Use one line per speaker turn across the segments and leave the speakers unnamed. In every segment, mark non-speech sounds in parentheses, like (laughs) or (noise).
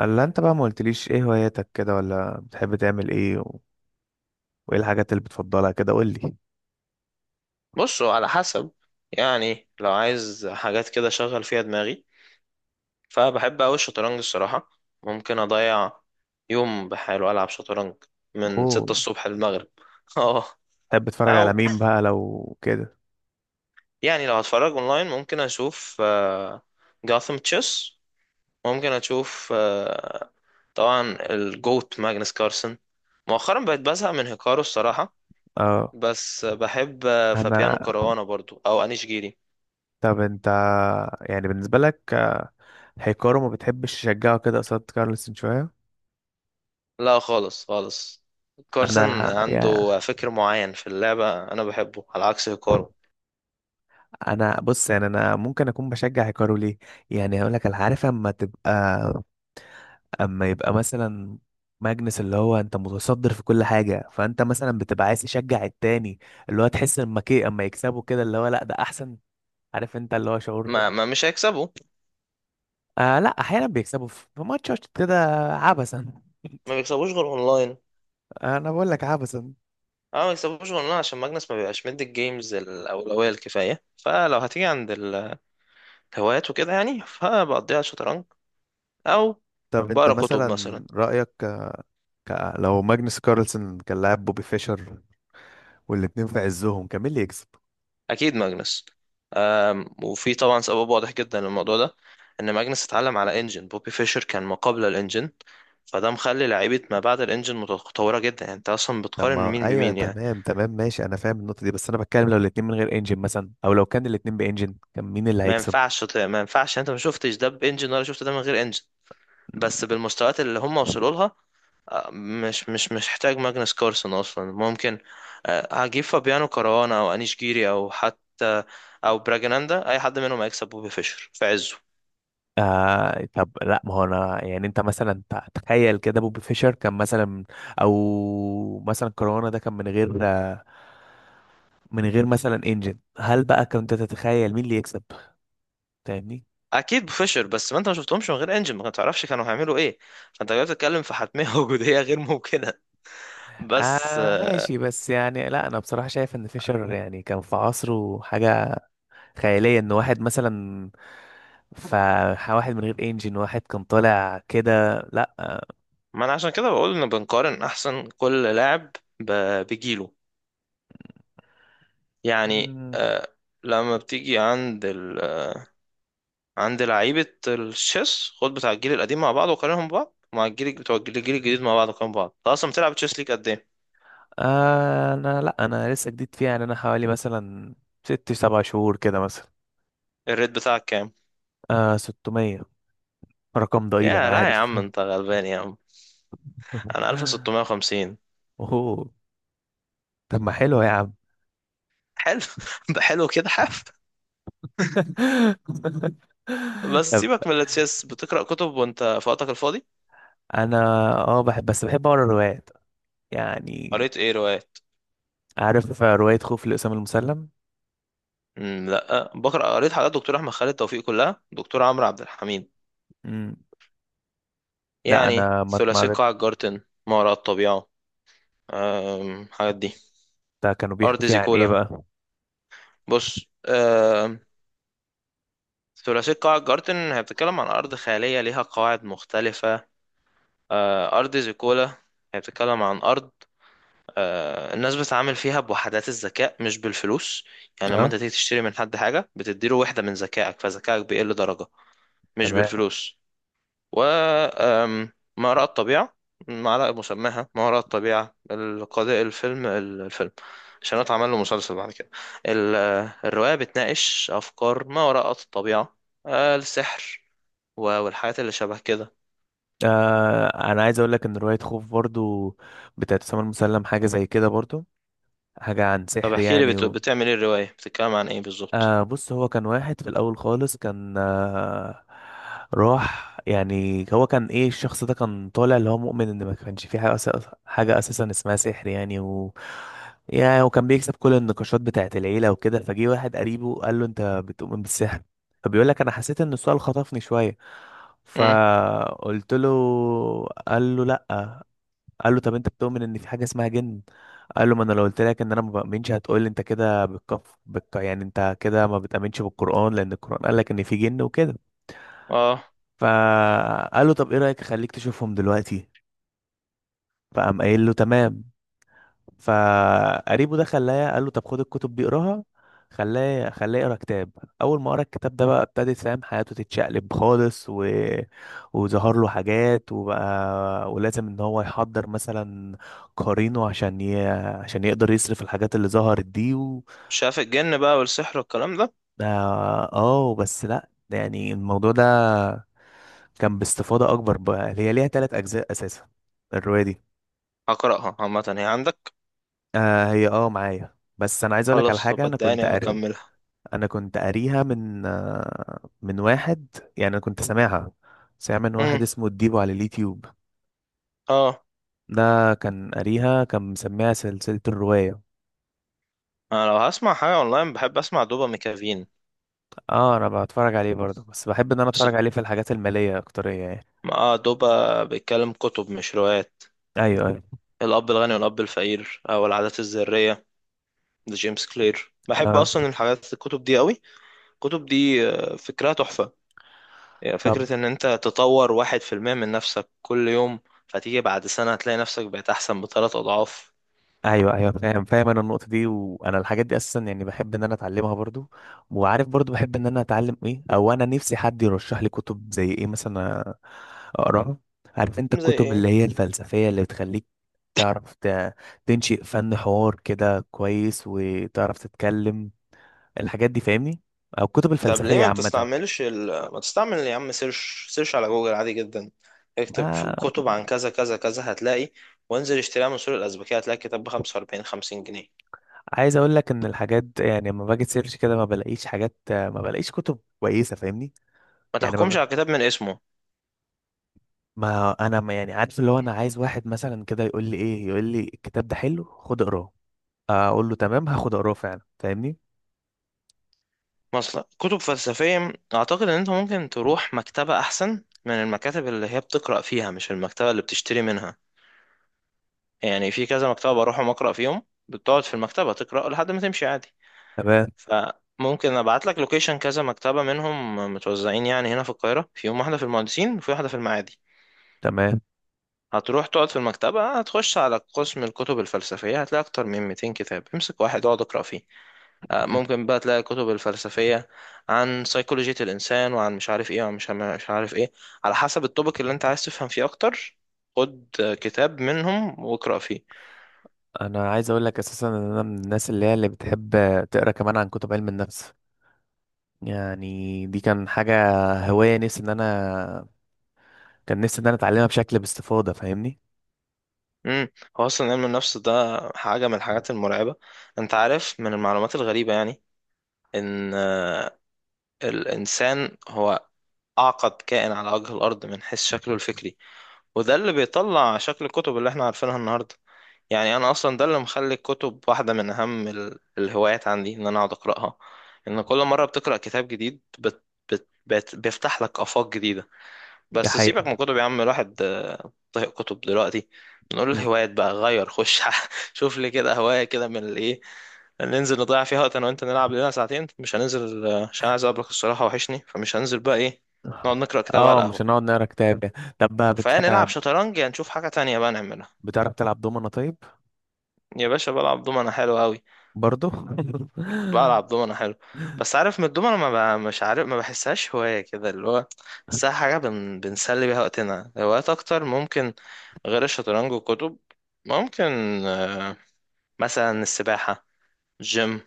الا انت بقى ما قلتليش ايه هواياتك كده ولا بتحب تعمل ايه وايه الحاجات اللي بتفضلها كده قول لي.
بصوا، على حسب. يعني لو عايز حاجات كده شغل فيها دماغي، فبحب أوي الشطرنج الصراحة. ممكن أضيع يوم بحاله ألعب شطرنج من
اوه.
ستة الصبح للمغرب. (laughs) اه.
بتحب تتفرج على
أو
مين بقى لو كده؟
يعني لو هتفرج أونلاين ممكن أشوف جاثم تشيس. ممكن أشوف، طبعا الجوت ماجنس كارسن. مؤخرا بقيت بزهق من هيكارو الصراحة.
اه.
بس بحب،
انا
فابيانو كاروانا برضو أو أنيش جيري.
طب انت يعني بالنسبه لك هيكارو ما بتحبش تشجعه كده قصاد كارلسن شويه؟
لا خالص خالص. كارسن
انا يا
عنده فكر معين في اللعبة، أنا بحبه على عكس هيكارو.
انا بص، يعني انا ممكن اكون بشجع هيكارو ليه. يعني هقول لك، انا عارف اما يبقى مثلا ماجنس اللي هو انت متصدر في كل حاجه، فانت مثلا بتبقى عايز تشجع التاني اللي هو تحس اما يكسبوا كده اللي هو لا ده احسن. عارف انت اللي هو شعور.
ما مش هيكسبه.
آه لا، احيانا بيكسبوا في ماتشات كده عبثا.
ما بيكسبوش غير أونلاين.
(laughs) انا بقول لك عبثا.
أه، ما بيكسبوش غير أونلاين، عشان ماجنس ما بيبقاش مدي الجيمز الأولوية الكفاية. فلو هتيجي عند الهوايات وكده، يعني فبقضيها شطرنج، أو
طب انت
بقرا كتب
مثلا
مثلا.
رأيك لو ماجنس كارلسن كان لاعب بوبي فيشر والاتنين في عزهم، كان مين اللي يكسب؟
اكيد ماجنس. وفي طبعا سبب واضح جدا للموضوع ده، ان ماجنس اتعلم على انجن، بوبي فيشر كان ما قبل الانجن، فده مخلي لعيبه ما بعد الانجن متطوره جدا. يعني انت اصلا
طب
بتقارن
ما
مين
ايوه
بمين يعني.
تمام تمام ماشي، انا فاهم النقطة دي، بس انا بتكلم لو الاتنين من غير انجن مثلا، او لو كان الاتنين بانجن كان مين اللي هيكسب؟
ما ينفعش. يعني انت ما شفتش ده بانجن ولا شفت ده من غير انجن، بس بالمستويات اللي هم وصلوا لها. أه، مش محتاج ماجنس كارسون اصلا. ممكن، أه، هجيب فابيانو كاروانا او انيش جيري او حتى او براجناندا، اي حد منهم هيكسب بوبي فيشر في عزه.
آه طب لا، ما هو انا يعني انت مثلا تخيل كده، بوبي فيشر كان مثلا، او مثلا كورونا ده كان من غير مثلا انجن، هل بقى كنت تتخيل مين اللي يكسب؟ فاهمني.
اكيد بفشر. بس ما انت ما شفتهمش من غير انجن، ما تعرفش كانوا هيعملوا ايه. فانت جاي بتتكلم في حتميه (laughs) وجوديه غير ممكنه. بس،
آه ماشي، بس يعني لا انا بصراحة شايف ان فيشر يعني كان في عصره حاجة خيالية، ان واحد مثلا، فواحد من غير انجن واحد كان طالع كده.
ما انا عشان كده بقول ان بنقارن احسن كل لاعب بجيله. يعني،
لا.
لما بتيجي عند عند لعيبه الشيس، خد بتاع الجيل القديم مع بعض وقارنهم ببعض، مع الجيل بتوع الجيل الجديد مع بعض وقارنهم ببعض. انت اصلا بتلعب تشيس ليك قد ايه؟
انا لا، انا لسه جديد فيها يعني. انا حوالي مثلا ست سبع شهور كده مثلا.
الريت بتاعك كام؟
600. رقم ضئيل انا
يا لا يا
عارف.
عم، انت
(laughs)
غلبان يا عم. انا 1650.
اوه. طب ما حلو يا عم.
حلو. (laughs) ده حلو كده حاف.
(laughs)
بس
طب.
سيبك من التشيس، بتقرأ كتب وانت في وقتك الفاضي؟
انا اه بحب، بس بحب اقرا روايات يعني.
قريت ايه روايات؟
عارف رواية خوف لأسامة المسلم.
لا بقرأ، قريت حاجات دكتور احمد خالد توفيق كلها، دكتور عمرو عبد الحميد.
مم. لا
يعني
انا ما
ثلاثي
اتمرت.
قاع الجارتن، ما وراء الطبيعة، الحاجات دي.
كانوا بيحكوا
أرض
فيها عن ايه
زيكولا.
بقى؟
بص، أم، ثلاثي قاع الجارتن هي بتتكلم عن أرض خيالية ليها قواعد مختلفة. أرض زيكولا هي بتتكلم عن أرض، الناس بتتعامل فيها بوحدات الذكاء مش بالفلوس. يعني لما انت
اه.
تيجي تشتري من حد حاجة، بتديله وحدة من ذكائك، فذكائك بيقل درجة، مش
تمام.
بالفلوس. و ما وراء الطبيعة، معلقة مسماها ما وراء الطبيعة القضاء الفيلم الفيلم، عشان اتعمل له مسلسل بعد كده. ال- الرواية بتناقش أفكار ما وراء الطبيعة، السحر والحاجات اللي شبه كده.
آه، انا عايز اقول لك ان رواية خوف برضو بتاعت أسامة المسلم حاجة زي كده برضو. حاجة عن
طب
سحر
احكي لي
يعني
بتعمل ايه؟ الرواية بتتكلم عن ايه بالظبط؟
آه، بص، هو كان واحد في الأول خالص كان راح، يعني هو كان إيه؟ الشخص ده كان طالع اللي هو مؤمن إن ما كانش في حاجة، حاجة أساسا اسمها سحر يعني. و يعني وكان بيكسب كل النقاشات بتاعة العيلة وكده، فجه واحد قريبه قال له أنت بتؤمن بالسحر؟ فبيقول لك أنا حسيت إن السؤال خطفني شوية،
مم.
فقلت له. قال له لأ. قال له طب انت بتؤمن ان في حاجه اسمها جن؟ قال له ما انا لو قلت لك ان انا ما بامنش هتقول لي انت كده يعني انت كده ما بتامنش بالقران، لان القران قال لك ان في جن وكده.
اه،
فقال له طب ايه رايك اخليك تشوفهم دلوقتي؟ فقام قايل له تمام. فقريبه ده خلاه، قال له طب خد الكتب دي اقراها. خلاه خلاه يقرا كتاب. اول ما قرا الكتاب ده بقى ابتدت فاهم حياته تتشقلب خالص، وظهر له حاجات، وبقى ولازم ان هو يحضر مثلا قرينه عشان عشان يقدر يصرف الحاجات اللي ظهرت دي
شاف الجن بقى والسحر والكلام ده.
اه. بس لا، يعني الموضوع ده كان باستفاضة اكبر بقى. هي ليها ثلاث اجزاء اساسا الرواية دي.
هقرأها عامة، هي عندك؟
آه هي اه معايا، بس انا عايز اقولك على
خلاص طب
حاجة. انا كنت
اداني
قاري.
هكملها.
انا كنت قاريها من من واحد يعني، انا كنت سامعها. سامع من واحد
امم،
اسمه الديبو على اليوتيوب.
اه.
ده كان قاريها، كان مسميها سلسلة الرواية.
انا لو هسمع حاجة اونلاين بحب اسمع دوبا ميكافين.
اه انا بتفرج عليه برضه، بس بحب ان انا
بس
اتفرج عليه في الحاجات المالية اكترية يعني.
اه، دوبا بيتكلم كتب مش روايات.
ايوه ايوه.
الأب الغني والأب الفقير، أو العادات الذرية لجيمس كلير. بحب
اه.
أصلا الحاجات الكتب دي قوي. الكتب دي، فكرها تحفة. يعني
طب
فكرة إن أنت تطور واحد في المية من نفسك كل يوم، فتيجي بعد سنة هتلاقي نفسك بقيت أحسن بثلاث أضعاف.
ايوه ايوه، فاهم فاهم، انا النقطة دي، وانا الحاجات دي اساسا يعني بحب ان انا اتعلمها برضه. وعارف برضه بحب ان انا اتعلم ايه، او انا نفسي حد يرشح لي كتب زي ايه مثلا اقراها. عارف انت
زي
الكتب
ايه؟
اللي هي الفلسفية اللي بتخليك تعرف تنشئ فن حوار كده كويس، وتعرف تتكلم الحاجات دي، فاهمني؟ او الكتب
طب ليه
الفلسفية
ما
عامة.
بتستعملش ما تستعمل يا عم سيرش؟ سيرش على جوجل عادي جدا. اكتب
ما
كتب عن كذا كذا كذا، هتلاقي. وانزل اشتريها من سوق الأزبكية، هتلاقي كتاب ب 45 50 جنيه.
عايز اقول لك ان الحاجات يعني لما باجي سيرش كده ما بلاقيش حاجات، ما بلاقيش كتب كويسة، فاهمني؟
ما
يعني
تحكمش على كتاب من اسمه.
ما انا ما يعني عارف اللي هو انا عايز واحد مثلا كده يقول لي ايه، يقول لي الكتاب ده حلو خد اقراه، اقول له تمام هاخد اقراه فعلا، فاهمني؟
مثلا كتب فلسفية، أعتقد إن أنت ممكن تروح مكتبة أحسن من المكاتب اللي هي بتقرأ فيها، مش المكتبة اللي بتشتري منها. يعني في كذا مكتبة بروحهم أقرأ فيهم. بتقعد في المكتبة تقرأ لحد ما تمشي عادي.
تمام.
فممكن ابعت لك لوكيشن كذا مكتبة منهم، متوزعين يعني هنا في القاهرة، فيهم واحدة في المهندسين وفي واحدة في المعادي.
تمام.
هتروح تقعد في المكتبة، هتخش على قسم الكتب الفلسفية، هتلاقي أكتر من 200 كتاب. امسك واحد اقعد اقرأ فيه. ممكن بقى تلاقي كتب الفلسفية عن سيكولوجية الإنسان، وعن مش عارف ايه، وعن مش عارف ايه، على حسب التوبيك اللي انت عايز تفهم فيه أكتر. خد، كتاب منهم واقرأ فيه.
انا عايز اقول لك اساسا ان انا من الناس اللي هي اللي بتحب تقرا كمان عن كتب علم النفس. يعني دي كان حاجه، هوايه نفسي ان انا كان نفسي ان انا اتعلمها بشكل باستفاضه، فاهمني؟
امم، هو أصلا علم النفس ده حاجة من الحاجات المرعبة. انت عارف من المعلومات الغريبة، يعني إن، الإنسان هو أعقد كائن على وجه الأرض من حيث شكله الفكري. وده اللي بيطلع شكل الكتب اللي احنا عارفينها النهاردة. يعني أنا أصلا ده اللي مخلي الكتب واحدة من أهم الهوايات عندي، إن أنا أقعد أقرأها. إن كل مرة بتقرأ كتاب جديد، بت بت بت بيفتح لك آفاق جديدة.
دي
بس سيبك
حقيقه.
من كتب يا عم، الواحد، طهق كتب دلوقتي. نقول
م.
الهوايات بقى غير خش. (laughs) شوف لي كده هواية كده من الايه، ننزل نضيع فيها وقت انا وانت، نلعب لنا ساعتين. مش هننزل، عشان عايز اقابلك الصراحة، وحشني، فمش هننزل بقى ايه، نقعد نقرأ كتاب
اه
على
مش
القهوة.
هنقعد نقرا كتاب يعني. طب بقى
فنلعب شطرنج، يا نشوف حاجة تانية بقى نعملها.
بتعرف تلعب دومنة طيب؟
يا باشا بلعب دومنة حلو قوي.
برضو.
بلعب دومنة حلو. بس عارف من الدومنة ما ب... مش عارف ما بحسهاش هواية كده اللي هو، بحسها حاجة بنسلي بيها وقتنا. هوايات أكتر ممكن غير الشطرنج والكتب، ممكن، آه، مثلا السباحة، جيم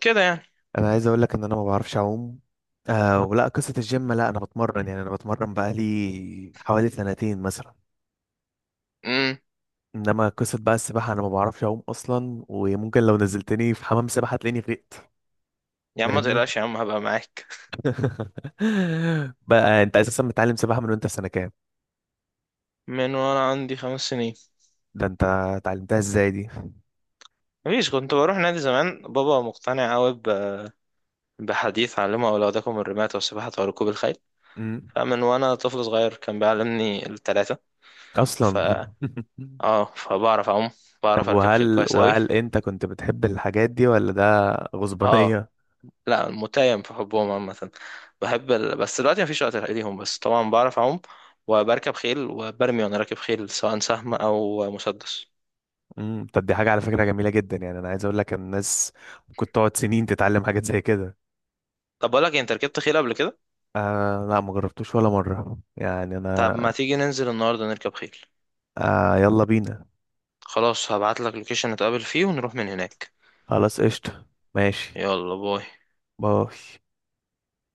كده يعني.
(laughs) انا عايز اقول لك ان انا ما بعرفش اعوم. آه ولا قصه الجيم، لا انا بتمرن يعني، انا بتمرن بقالي حوالي سنتين مثلا.
امم،
انما قصة بقى السباحة انا ما بعرفش اعوم اصلا، وممكن لو نزلتني في حمام سباحة تلاقيني غرقت.
يا عم ما
فاهمني.
تقلقش يا عم، هبقى معاك.
(laughs) بقى انت اساسا متعلم سباحة من وانت في سنة كام؟
من وانا عندي خمس سنين.
ده انت اتعلمتها ازاي دي؟
مفيش، كنت بروح نادي زمان. بابا مقتنع قوي بحديث علمه أولادكم الرماية والسباحة وركوب الخيل.
امم.
فمن وانا طفل صغير كان بيعلمني التلاتة. ف
اصلا. (laughs)
اه، فبعرف اعوم،
طب،
بعرف اركب خيل كويس قوي.
وهل انت كنت بتحب الحاجات دي ولا ده
اه
غصبانية؟
لا، متيم في حبهم عامه. بحب بس دلوقتي مفيش وقت ليهم، بس طبعا بعرف اعوم، وبركب خيل، وبرمي وانا راكب خيل، سواء سهم او مسدس.
امم. طب دي حاجة على فكرة جميلة جدا، يعني انا عايز اقول لك ان الناس ممكن تقعد سنين تتعلم حاجات زي كده.
طب بقول لك إيه، انت ركبت خيل قبل كده؟
آه لا، ما جربتوش ولا مرة يعني
طب
انا.
ما تيجي ننزل النهارده نركب خيل.
آه يلا بينا.
خلاص هبعت لك لوكيشن نتقابل فيه ونروح من هناك.
خلاص قشطة. ماشي.
يلا باي.
باي.